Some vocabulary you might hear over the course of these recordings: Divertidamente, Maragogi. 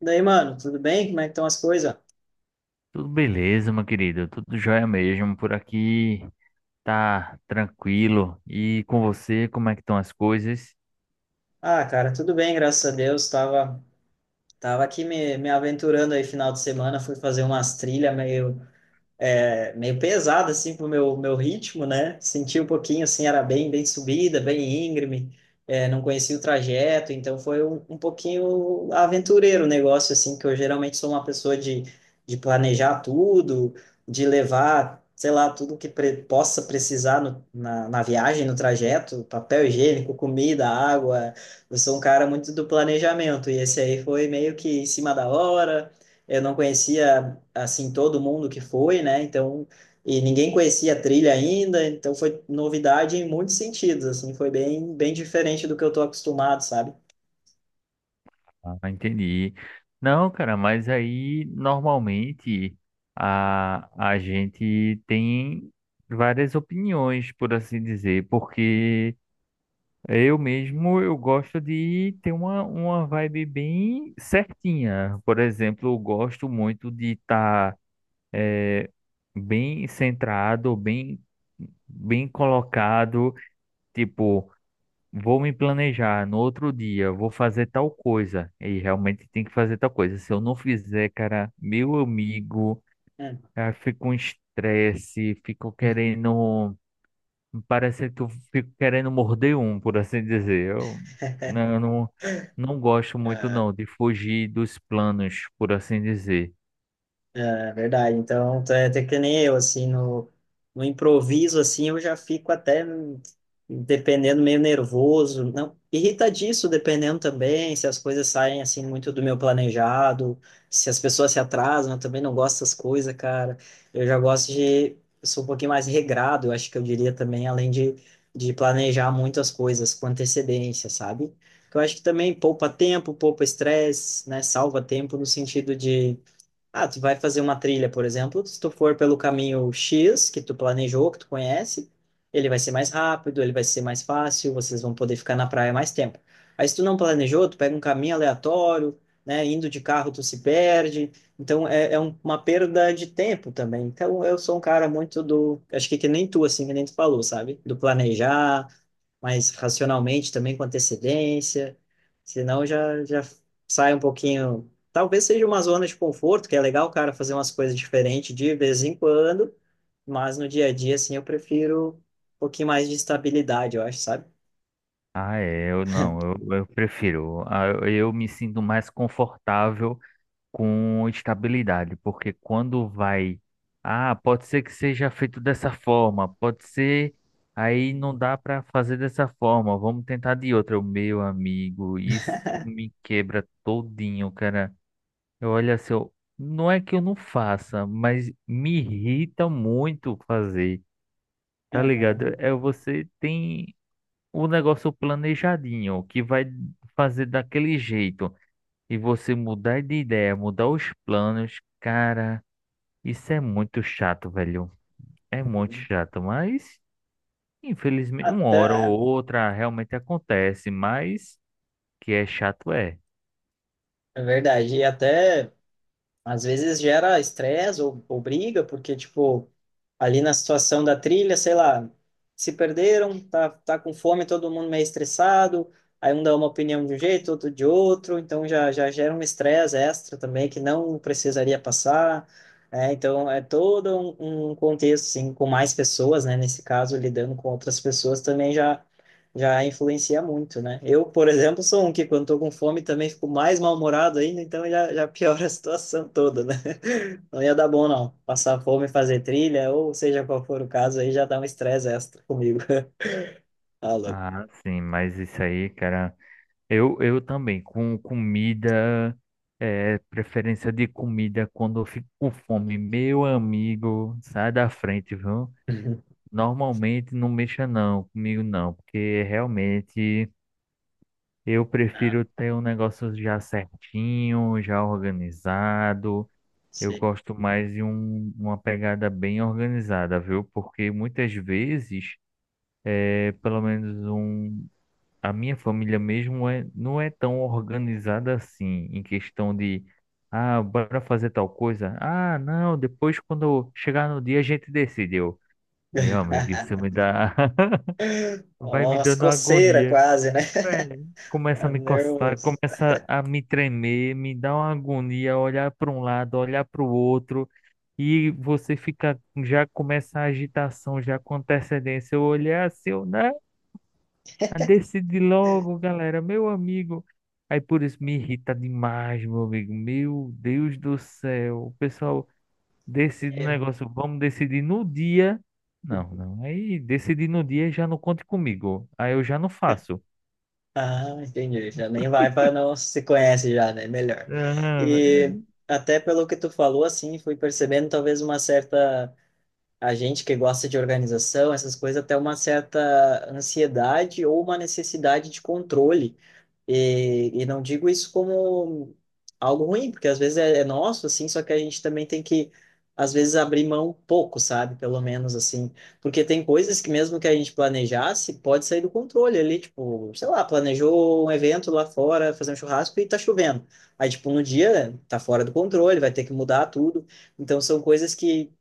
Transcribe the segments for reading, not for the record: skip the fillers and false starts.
Daí, mano, tudo bem? Como é que estão as coisas? Tudo beleza, meu querido. Tudo jóia mesmo. Por aqui tá tranquilo. E com você, como é que estão as coisas? Ah, cara, tudo bem, graças a Deus. Tava aqui me aventurando aí final de semana, fui fazer umas trilhas meio pesado assim pro meu ritmo, né? Senti um pouquinho assim, era bem subida, bem íngreme, não conhecia o trajeto, então foi um pouquinho aventureiro o negócio assim, que eu geralmente sou uma pessoa de planejar tudo, de levar, sei lá, tudo que pre possa precisar na viagem, no trajeto, papel higiênico, comida, água. Eu sou um cara muito do planejamento e esse aí foi meio que em cima da hora. Eu não conhecia assim, todo mundo que foi, né? Então, e ninguém conhecia a trilha ainda, então foi novidade em muitos sentidos, assim, foi bem, bem diferente do que eu tô acostumado, sabe? Ah, entendi. Não, cara, mas aí normalmente a gente tem várias opiniões, por assim dizer, porque eu mesmo eu gosto de ter uma vibe bem certinha. Por exemplo, eu gosto muito de estar bem centrado, bem colocado, tipo, vou me planejar no outro dia, vou fazer tal coisa, e realmente tem que fazer tal coisa. Se eu não fizer, cara, meu amigo, fico um estresse, fico Hum. querendo, parece que eu fico querendo morder um, por assim dizer. Eu não, eu não, não gosto muito É, não de fugir dos planos, por assim dizer. é verdade. Então, tu é até que nem eu, assim, no improviso, assim, eu já fico até, dependendo, meio nervoso. Não, irrita disso, dependendo também, se as coisas saem, assim, muito do meu planejado, se as pessoas se atrasam, eu também não gosto dessas coisas, cara. Eu já gosto de, eu sou um pouquinho mais regrado, eu acho que eu diria também, além de planejar muitas coisas com antecedência, sabe? Que eu acho que também poupa tempo, poupa estresse, né? Salva tempo no sentido de ah, tu vai fazer uma trilha, por exemplo, se tu for pelo caminho X, que tu planejou, que tu conhece, ele vai ser mais rápido, ele vai ser mais fácil, vocês vão poder ficar na praia mais tempo. Aí se tu não planejou, tu pega um caminho aleatório, né, indo de carro tu se perde, então é uma perda de tempo também. Então eu sou um cara muito do, acho que nem tu, assim, que nem tu falou, sabe? Do planejar, mas racionalmente também com antecedência, senão já sai um pouquinho. Talvez seja uma zona de conforto, que é legal o cara fazer umas coisas diferentes de vez em quando, mas no dia a dia, assim, eu prefiro um pouquinho mais de estabilidade, eu acho, sabe? Ah, é, eu não, eu prefiro. Eu eu me sinto mais confortável com estabilidade, porque quando vai, ah, pode ser que seja feito dessa forma, pode ser, aí não dá para fazer dessa forma, vamos tentar de outra. Eu, meu amigo, isso me quebra todinho, cara. Eu olho assim, eu, não é que eu não faça, mas me irrita muito fazer, tá ligado? Uhum. É, você tem o negócio planejadinho, que vai fazer daquele jeito, e você mudar de ideia, mudar os planos, cara, isso é muito chato, velho. É muito chato, mas infelizmente, uma hora Até, ou outra realmente acontece, mas que é chato é. é verdade, e até. Às vezes gera estresse ou briga, porque, tipo, ali na situação da trilha, sei lá, se perderam, tá com fome, todo mundo meio estressado, aí um dá uma opinião de um jeito, outro de outro, então já gera um estresse extra também que não precisaria passar, né? Então é todo um contexto, assim, com mais pessoas, né? Nesse caso, lidando com outras pessoas também já influencia muito, né? Eu, por exemplo, sou um que quando tô com fome também fico mais mal-humorado ainda, então já piora a situação toda, né? Não ia dar bom, não. Passar fome, fazer trilha, ou seja qual for o caso, aí já dá um estresse extra comigo. Ah, louco. Ah, sim, mas isso aí, cara. Eu também, com comida, é, preferência de comida quando eu fico com fome, meu amigo, sai da frente, viu? Uhum. Normalmente não mexa não, comigo não, porque realmente eu Ah, prefiro ter um negócio já certinho, já organizado. Eu sim. gosto mais de um, uma pegada bem organizada, viu? Porque muitas vezes, é, pelo menos um, a minha família mesmo é, não é tão organizada assim, em questão de, ah, bora fazer tal coisa. Ah, não, depois quando chegar no dia a gente decidiu. Meu amigo, isso me dá. Vai Ó, me umas dando coceiras agonia. quase, né? Velho, começa a Tá me coçar, nervoso. começa a me tremer, me dá uma agonia, olhar para um lado, olhar para o outro, e você fica, já começa a agitação, já com antecedência. Eu olhar assim, eu, né? Decide logo, galera, meu amigo. Aí por isso me irrita demais, meu amigo. Meu Deus do céu. O pessoal decide um negócio, vamos decidir no dia. Não, não. Aí decidir no dia já não conte comigo. Aí eu já não faço. Ah, entendi. Já nem vai para não se conhece já, né? Melhor. Não, é- E até pelo que tu falou, assim, fui percebendo talvez uma certa a gente que gosta de organização, essas coisas, até uma certa ansiedade ou uma necessidade de controle. E não digo isso como algo ruim, porque às vezes é nosso, assim, só que a gente também tem que, às vezes, abrir mão um pouco, sabe? Pelo menos, assim. Porque tem coisas que, mesmo que a gente planejasse, pode sair do controle ali, tipo, sei lá, planejou um evento lá fora, fazer um churrasco e tá chovendo. Aí, tipo, no dia, né, tá fora do controle, vai ter que mudar tudo. Então, são coisas que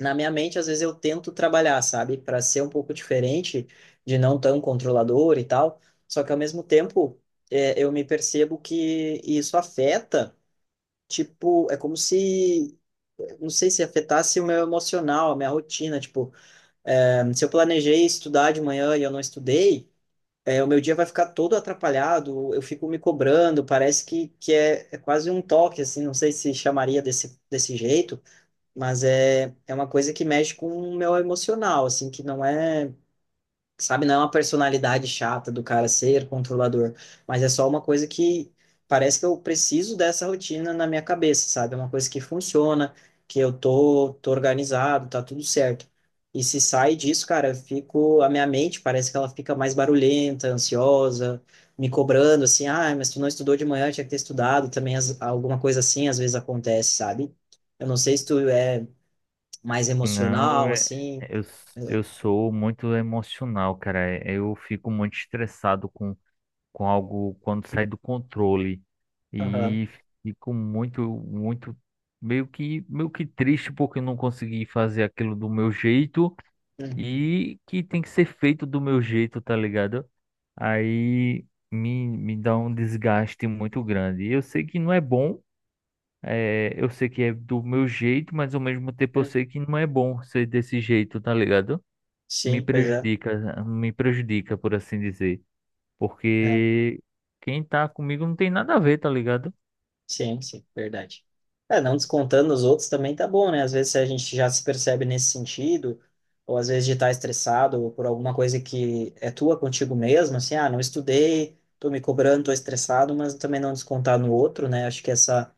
na minha mente, às vezes eu tento trabalhar, sabe, para ser um pouco diferente, de não tão controlador e tal. Só que ao mesmo tempo, eu me percebo que isso afeta, tipo, é como se, não sei se afetasse o meu emocional, a minha rotina. Tipo, se eu planejei estudar de manhã e eu não estudei, o meu dia vai ficar todo atrapalhado, eu fico me cobrando, parece que é quase um toque, assim, não sei se chamaria desse jeito, mas é uma coisa que mexe com o meu emocional, assim, que não é, sabe, não é uma personalidade chata do cara ser controlador, mas é só uma coisa que parece que eu preciso dessa rotina na minha cabeça, sabe? É uma coisa que funciona, que eu tô organizado, tá tudo certo. E se sai disso, cara, eu fico, a minha mente parece que ela fica mais barulhenta, ansiosa, me cobrando, assim, ah, mas tu não estudou de manhã, tinha que ter estudado, também alguma coisa assim às vezes acontece, sabe? Eu não sei se tu é mais não, emocional, é- assim. eu, s- Eh, Eu sou muito emocional, cara. É, eu fico muito estressado com algo quando sai do controle. Aham. E fico muito, meio que triste porque eu não consegui fazer aquilo do meu jeito Uhum. e que tem que ser feito do meu jeito, tá ligado? Aí me dá um desgaste muito grande. Eu sei que não é bom. É, eu sei que é do meu jeito, mas ao mesmo tempo eu É. sei que não é bom ser desse jeito, tá ligado? Me Sim, pois é. prejudica, me prejudica, por assim dizer. É. Porque quem tá comigo não tem nada a ver, tá ligado? Sim, sim, verdade. É, não descontando os outros também tá bom, né? Às vezes a gente já se percebe nesse sentido, ou às vezes de estar estressado ou por alguma coisa que é tua contigo mesmo, assim, ah, não estudei, tô me cobrando, tô estressado, mas também não descontar no outro, né? Acho que essa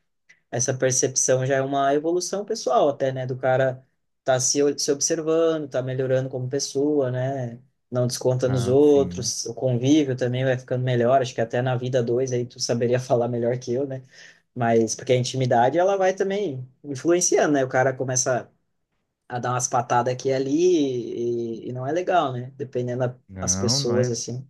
essa percepção já é uma evolução pessoal até, né? Do cara tá se observando, tá melhorando como pessoa, né? Não desconta nos Ah, sim. outros, o convívio também vai ficando melhor, acho que até na vida dois aí tu saberia falar melhor que eu, né? Mas porque a intimidade ela vai também influenciando, né? O cara começa a dar umas patadas aqui e ali e não é legal, né? Dependendo das Não, não pessoas, é. assim, o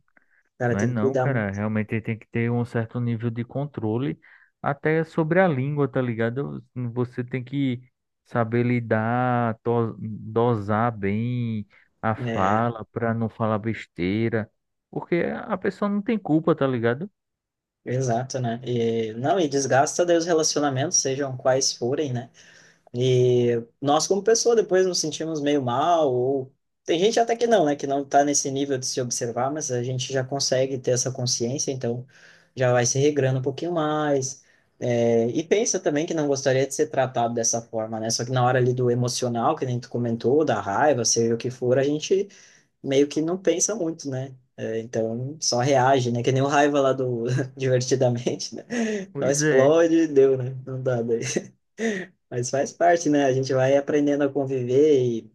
cara Não é tem que não, cuidar cara. muito. Realmente ele tem que ter um certo nível de controle até sobre a língua, tá ligado? Você tem que saber lidar, dosar bem a É, fala pra não falar besteira, porque a pessoa não tem culpa, tá ligado? exato, né? E, não, e desgasta daí os relacionamentos, sejam quais forem, né? E nós, como pessoa, depois nos sentimos meio mal, ou tem gente até que não, né, que não está nesse nível de se observar, mas a gente já consegue ter essa consciência, então já vai se regrando um pouquinho mais. É, e pensa também que não gostaria de ser tratado dessa forma, né? Só que na hora ali do emocional, que nem tu comentou, da raiva, seja o que for, a gente meio que não pensa muito, né? É, então só reage, né? Que nem o raiva lá do Divertidamente, né? Só Pois é. explode, e deu, né? Não dá daí. Mas faz parte, né? A gente vai aprendendo a conviver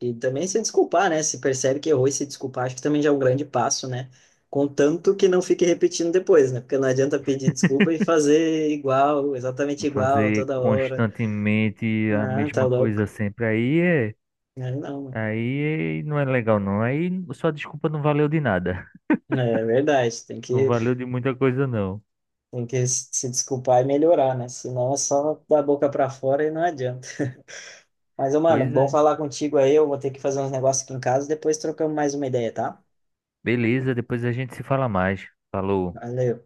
e também se desculpar, né? Se percebe que errou e se desculpar, acho que também já é um grande passo, né? Contanto que não fique repetindo depois, né? Porque não adianta pedir desculpa e fazer igual, exatamente igual, Fazer toda hora. constantemente a Ah, tá mesma coisa louco. sempre aí é, Aí não, mano. aí não é legal não. Aí sua desculpa não valeu de nada. É verdade, tem Não que, valeu de muita coisa não. tem que se desculpar e melhorar, né? Senão é só da boca pra fora e não adianta. Mas, ô, mano, Pois bom é. falar contigo aí. Eu vou ter que fazer uns negócios aqui em casa, depois trocamos mais uma ideia, tá? Beleza, depois a gente se fala mais. Falou. Valeu.